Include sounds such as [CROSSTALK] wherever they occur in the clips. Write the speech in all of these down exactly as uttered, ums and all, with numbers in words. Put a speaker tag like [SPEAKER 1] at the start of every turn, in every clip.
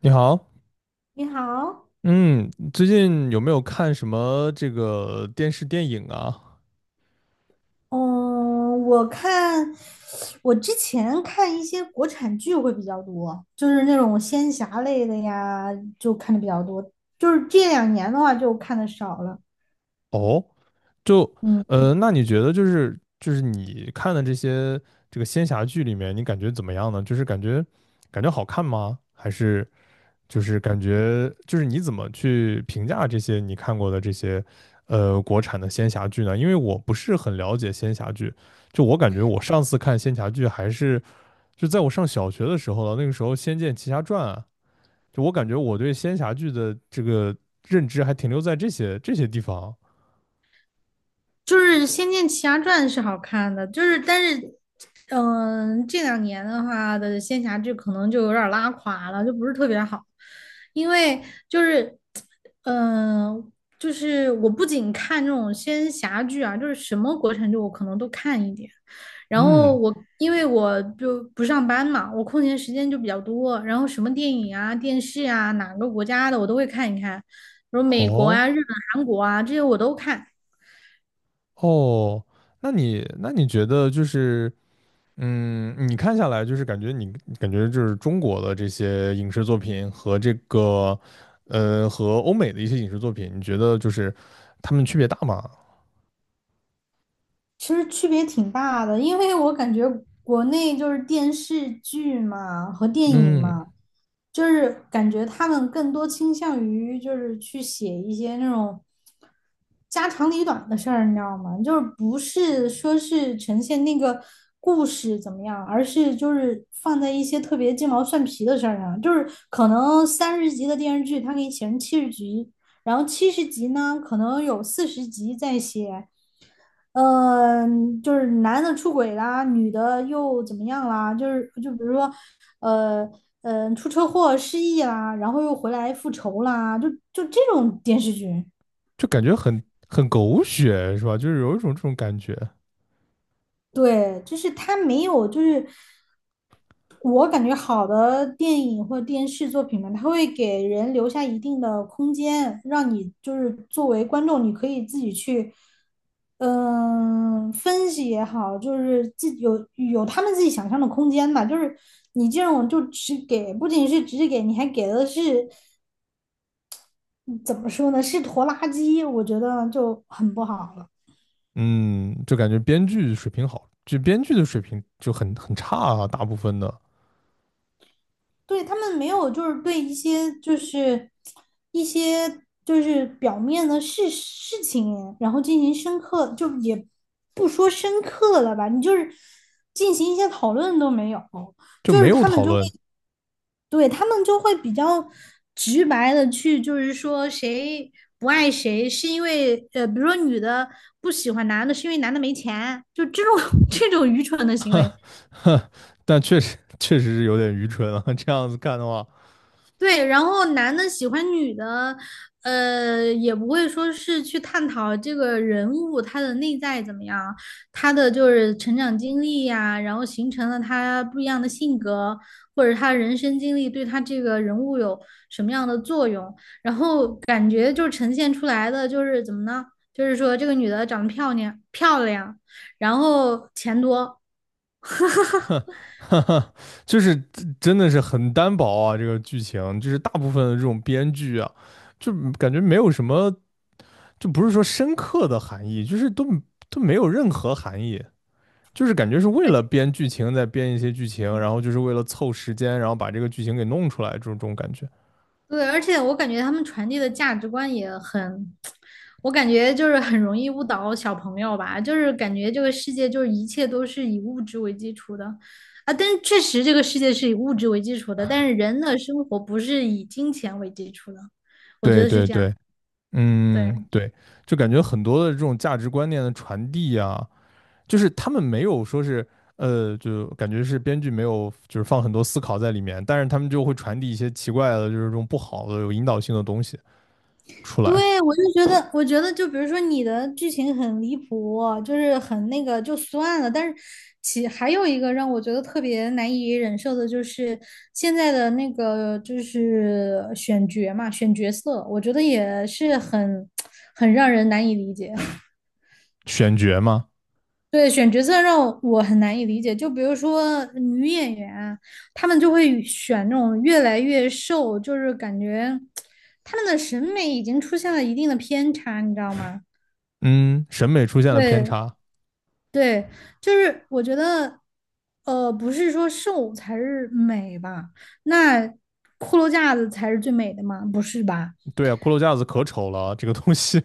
[SPEAKER 1] 你好。
[SPEAKER 2] 你好。
[SPEAKER 1] 嗯，最近有没有看什么这个电视电影啊？
[SPEAKER 2] 嗯，我看我之前看一些国产剧会比较多，就是那种仙侠类的呀，就看的比较多。就是这两年的话，就看的少了。
[SPEAKER 1] 哦，就
[SPEAKER 2] 嗯。
[SPEAKER 1] 呃，那你觉得就是就是你看的这些这个仙侠剧里面，你感觉怎么样呢？就是感觉，感觉好看吗？还是就是感觉就是你怎么去评价这些你看过的这些呃国产的仙侠剧呢？因为我不是很了解仙侠剧，就我感觉我上次看仙侠剧还是就在我上小学的时候了，那个时候《仙剑奇侠传》啊。就我感觉我对仙侠剧的这个认知还停留在这些这些地方。
[SPEAKER 2] 就是《仙剑奇侠传》是好看的，就是但是，嗯、这两年的话的仙侠剧可能就有点儿拉垮了，就不是特别好，因为就是，嗯、就是我不仅看这种仙侠剧啊，就是什么国产剧我可能都看一点，然后
[SPEAKER 1] 嗯，
[SPEAKER 2] 我因为我就不上班嘛，我空闲时间就比较多，然后什么电影啊、电视啊，哪个国家的我都会看一看，比如美国啊、
[SPEAKER 1] 哦。
[SPEAKER 2] 日本、韩国啊这些我都看。
[SPEAKER 1] 哦，那你那你觉得就是，嗯，你看下来就是感觉你感觉就是中国的这些影视作品和这个呃和欧美的一些影视作品，你觉得就是他们区别大吗？
[SPEAKER 2] 其实区别挺大的，因为我感觉国内就是电视剧嘛和电影
[SPEAKER 1] 嗯，
[SPEAKER 2] 嘛，就是感觉他们更多倾向于就是去写一些那种家长里短的事儿，你知道吗？就是不是说是呈现那个故事怎么样，而是就是放在一些特别鸡毛蒜皮的事儿上，就是可能三十集的电视剧，它给你写成七十集，然后七十集呢，可能有四十集在写。嗯，就是男的出轨啦，女的又怎么样啦？就是就比如说，呃嗯、呃，出车祸失忆啦，然后又回来复仇啦，就就这种电视剧。
[SPEAKER 1] 就感觉很很狗血是吧？就是有一种这种感觉。
[SPEAKER 2] 对，就是它没有，就是我感觉好的电影或电视作品嘛，它会给人留下一定的空间，让你就是作为观众，你可以自己去，嗯、分析也好，就是自己有有他们自己想象的空间吧。就是你这种就只给，不仅是只给，你还给的是嗯怎么说呢？是拖拉机，我觉得就很不好了。
[SPEAKER 1] 嗯，就感觉编剧水平好，就编剧的水平就很很差啊，大部分的
[SPEAKER 2] 对，他们没有，就是对一些就是一些就是表面的事事情，然后进行深刻，就也不说深刻了吧，你就是进行一些讨论都没有，
[SPEAKER 1] 就
[SPEAKER 2] 就
[SPEAKER 1] 没
[SPEAKER 2] 是
[SPEAKER 1] 有
[SPEAKER 2] 他们
[SPEAKER 1] 讨
[SPEAKER 2] 就会
[SPEAKER 1] 论。
[SPEAKER 2] 对他们就会比较直白的去，就是说谁不爱谁是因为呃，比如说女的不喜欢男的是因为男的没钱，就这种 [LAUGHS] 这种愚蠢的
[SPEAKER 1] [LAUGHS]
[SPEAKER 2] 行为。
[SPEAKER 1] 哈哈，但确实确实是有点愚蠢啊，这样子看的话。
[SPEAKER 2] 对，然后男的喜欢女的，呃，也不会说是去探讨这个人物他的内在怎么样，他的就是成长经历呀，然后形成了他不一样的性格，或者他人生经历对他这个人物有什么样的作用，感觉就呈现出来的就是怎么呢？就是说这个女的长得漂亮漂亮，然后钱多。[LAUGHS] 哈哈
[SPEAKER 1] [LAUGHS]
[SPEAKER 2] 哈。
[SPEAKER 1] 哈哈哈，就是真真的是很单薄啊，这个剧情就是大部分的这种编剧啊，就感觉没有什么，就不是说深刻的含义，就是都都没有任何含义。就是感觉是为了编剧情再编一些剧情，然后就是为了凑时间，然后把这个剧情给弄出来，这种这种感觉。
[SPEAKER 2] 对，而且我感觉他们传递的价值观也很，我感觉就是很容易误导小朋友吧，就是感觉这个世界就是一切都是以物质为基础的，啊，但是确实这个世界是以物质为基础的，但是人的生活不是以金钱为基础的，我觉
[SPEAKER 1] 对
[SPEAKER 2] 得是
[SPEAKER 1] 对
[SPEAKER 2] 这样。
[SPEAKER 1] 对，嗯，
[SPEAKER 2] 对。
[SPEAKER 1] 对，就感觉很多的这种价值观念的传递啊，就是他们没有说是，呃，就感觉是编剧没有就是放很多思考在里面，但是他们就会传递一些奇怪的，就是这种不好的有引导性的东西出来。
[SPEAKER 2] 对，我就觉得，我觉得就比如说你的剧情很离谱，就是很那个就算了。但是其还有一个让我觉得特别难以忍受的就是现在的那个就是选角嘛，选角色，我觉得也是很 [TSK] 很让人难以理解。
[SPEAKER 1] 选角嘛，
[SPEAKER 2] [LAUGHS] 对，选角色让我我很难以理解。就比如说女演员啊，她们就会选那种越来越瘦，就是感觉她们的审美已经出现了一定的偏差，你知道吗？
[SPEAKER 1] 嗯，审美出现了偏
[SPEAKER 2] 对。
[SPEAKER 1] 差。
[SPEAKER 2] 对，就是我觉得，呃，不是说瘦才是美吧？那骷髅架子才是最美的吗？不是吧？
[SPEAKER 1] 对啊，骷髅架子可丑了，这个东西。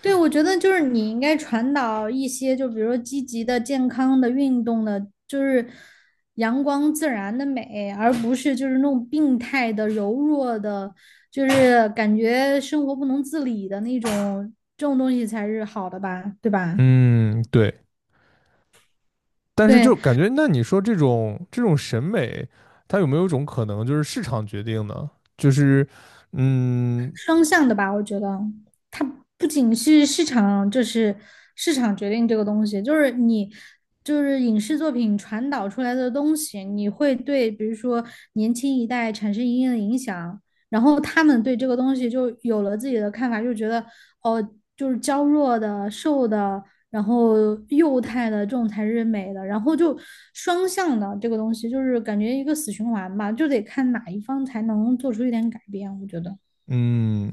[SPEAKER 2] 对，我觉得就是你应该传导一些，就比如说积极的、健康的、运动的，就是阳光自然的美，而不是就是那种病态的、柔弱的，就是感觉生活不能自理的那种，这种东西才是好的吧？对
[SPEAKER 1] [LAUGHS]
[SPEAKER 2] 吧？
[SPEAKER 1] 嗯，对。但是
[SPEAKER 2] 对，
[SPEAKER 1] 就感觉，那你说这种这种审美，它有没有一种可能就是市场决定呢？就是，嗯。
[SPEAKER 2] 双向的吧，我觉得它不仅是市场，就是市场决定这个东西，就是你就是影视作品传导出来的东西，你会对比如说年轻一代产生一定的影响，然后他们对这个东西就有了自己的看法，就觉得哦，就是娇弱的、瘦的，然后幼态的这种才是美的，然后就双向的这个东西，就是感觉一个死循环吧，就得看哪一方才能做出一点改变，我觉得。
[SPEAKER 1] 嗯，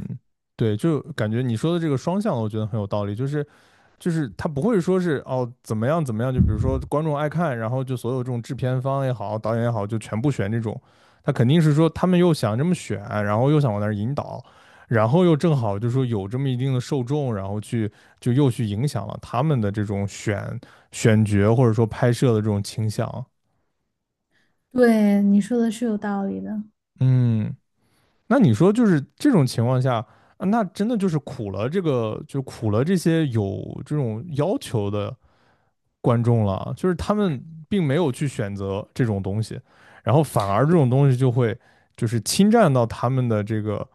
[SPEAKER 1] 对，就感觉你说的这个双向的，我觉得很有道理，就是。就是他不会说是哦怎么样怎么样，就比如说观众爱看，然后就所有这种制片方也好，导演也好，就全部选这种。他肯定是说他们又想这么选，然后又想往那儿引导，然后又正好就说有这么一定的受众，然后去就又去影响了他们的这种选，选角或者说拍摄的这种倾向。
[SPEAKER 2] 对，你说的是有道理的。
[SPEAKER 1] 嗯，那你说就是这种情况下，啊那真的就是苦了这个，就苦了这些有这种要求的观众了，就是他们并没有去选择这种东西，然后反而这种东西就会就是侵占到他们的这个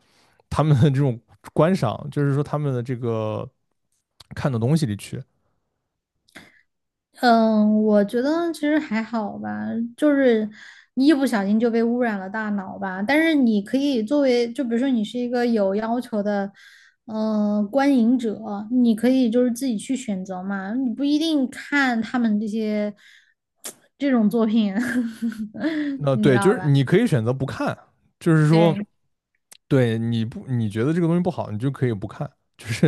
[SPEAKER 1] 他们的这种观赏，就是说他们的这个看的东西里去。
[SPEAKER 2] 嗯，我觉得其实还好吧，就是你一不小心就被污染了大脑吧。但是你可以作为，就比如说你是一个有要求的，嗯、观影者，你可以就是自己去选择嘛，你不一定看他们这些 [TSK] 这种作品。[LAUGHS]
[SPEAKER 1] 那
[SPEAKER 2] 你知
[SPEAKER 1] 对，就
[SPEAKER 2] 道
[SPEAKER 1] 是
[SPEAKER 2] 吧？
[SPEAKER 1] 你可以选择不看，就是说
[SPEAKER 2] 对。
[SPEAKER 1] 对你，不，你觉得这个东西不好，你就可以不看，就是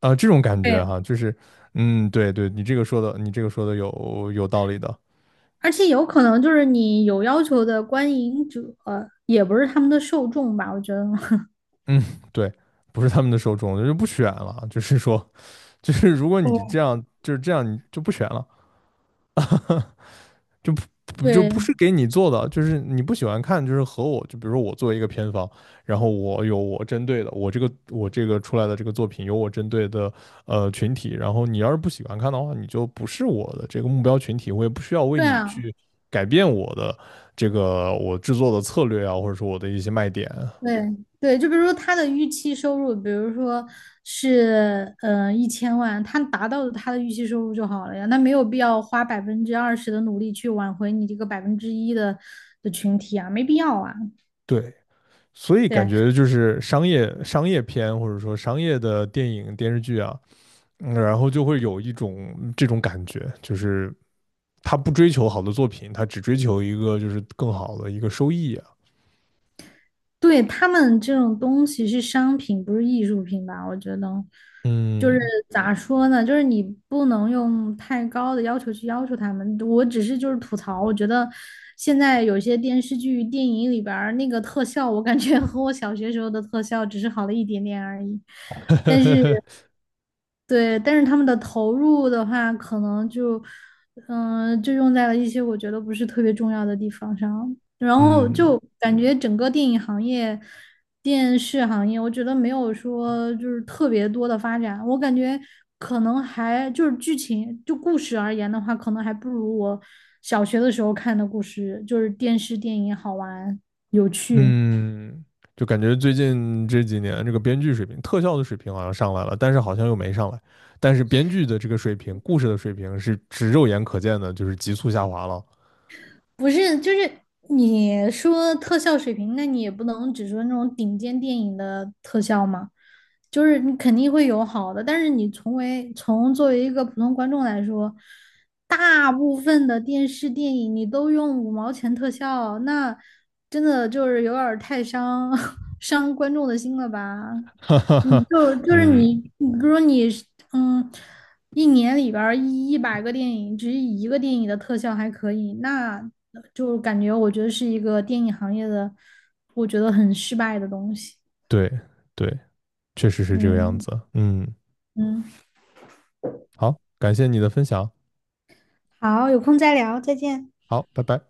[SPEAKER 1] 啊这种感
[SPEAKER 2] 对，
[SPEAKER 1] 觉哈、啊就是嗯对对，你这个说的你这个说的有有道理的，
[SPEAKER 2] 而且有可能就是你有要求的观影者，也不是他们的受众吧，我觉得。[LAUGHS]
[SPEAKER 1] 嗯对，不是他们的受众，就不选了，就是说。 [LAUGHS] 就是如果你这样就是这样，你就不选了，就不，不就不
[SPEAKER 2] 对。
[SPEAKER 1] 是给你做的，就是你不喜欢看，就是和我就比如说我做一个片方，然后我有我针对的，我这个我这个出来的这个作品有我针对的呃群体，然后你要是不喜欢看的话，你就不是我的这个目标群体，我也不需要为
[SPEAKER 2] 对
[SPEAKER 1] 你
[SPEAKER 2] 啊，
[SPEAKER 1] 去改变我的这个我制作的策略啊，或者说我的一些卖点，
[SPEAKER 2] 对对，就比如说他的预期收入，比如说是呃一千万，他达到了他的预期收入就好了呀，那没有必要花百分之二十的努力去挽回你这个百分之一的的群体啊，没必要啊。
[SPEAKER 1] 对。所以感
[SPEAKER 2] 对。
[SPEAKER 1] 觉就是商业商业片，或者说商业的电影电视剧啊，嗯然后就会有一种这种感觉，就是他不追求好的作品，他只追求一个就是更好的一个收益啊。
[SPEAKER 2] 对，他们这种东西是商品，不是艺术品吧？我觉得，就是
[SPEAKER 1] 嗯
[SPEAKER 2] 咋说呢，就是你不能用太高的要求去要求他们。我只是就是吐槽，我觉得现在有些电视剧、电影里边儿那个特效，我感觉和我小学时候的特效只是好了一点点而已。但是。
[SPEAKER 1] [LAUGHS]，
[SPEAKER 2] 对，但是他们的投入的话，可能就，嗯、就用在了一些我觉得不是特别重要的地方上。然后
[SPEAKER 1] 嗯
[SPEAKER 2] 就感觉整个电影行业、电视行业，我觉得没有说就是特别多的发展。我感觉可能还就是剧情，就故事而言的话，可能还不如我小学的时候看的故事，就是电视电影好玩有趣。
[SPEAKER 1] 嗯，就感觉最近这几年这个编剧水平、特效的水平好像上来了，但是好像又没上来。但是编剧的这个水平、故事的水平是只肉眼可见的，就是急速下滑了。
[SPEAKER 2] 不是，就是你说特效水平，那你也不能只说那种顶尖电影的特效嘛，就是你肯定会有好的，但是你从为从作为一个普通观众来说，大部分的电视电影你都用五毛钱特效，那真的就是有点儿太伤 [LAUGHS] 伤观众的心了吧？
[SPEAKER 1] [LAUGHS] 哈哈
[SPEAKER 2] 你
[SPEAKER 1] 哈，
[SPEAKER 2] 就就是
[SPEAKER 1] 嗯，
[SPEAKER 2] 你，你比如说你是嗯。一年里边儿一一百个电影，只有一个电影的特效还可以，那就感觉我觉得是一个电影行业的，我觉得很失败的东西。
[SPEAKER 1] 对对，确实是这个样
[SPEAKER 2] 嗯。
[SPEAKER 1] 子。嗯，
[SPEAKER 2] 嗯，
[SPEAKER 1] 好，感谢你的分享，
[SPEAKER 2] 好，有空再聊，再见。
[SPEAKER 1] 好，拜拜。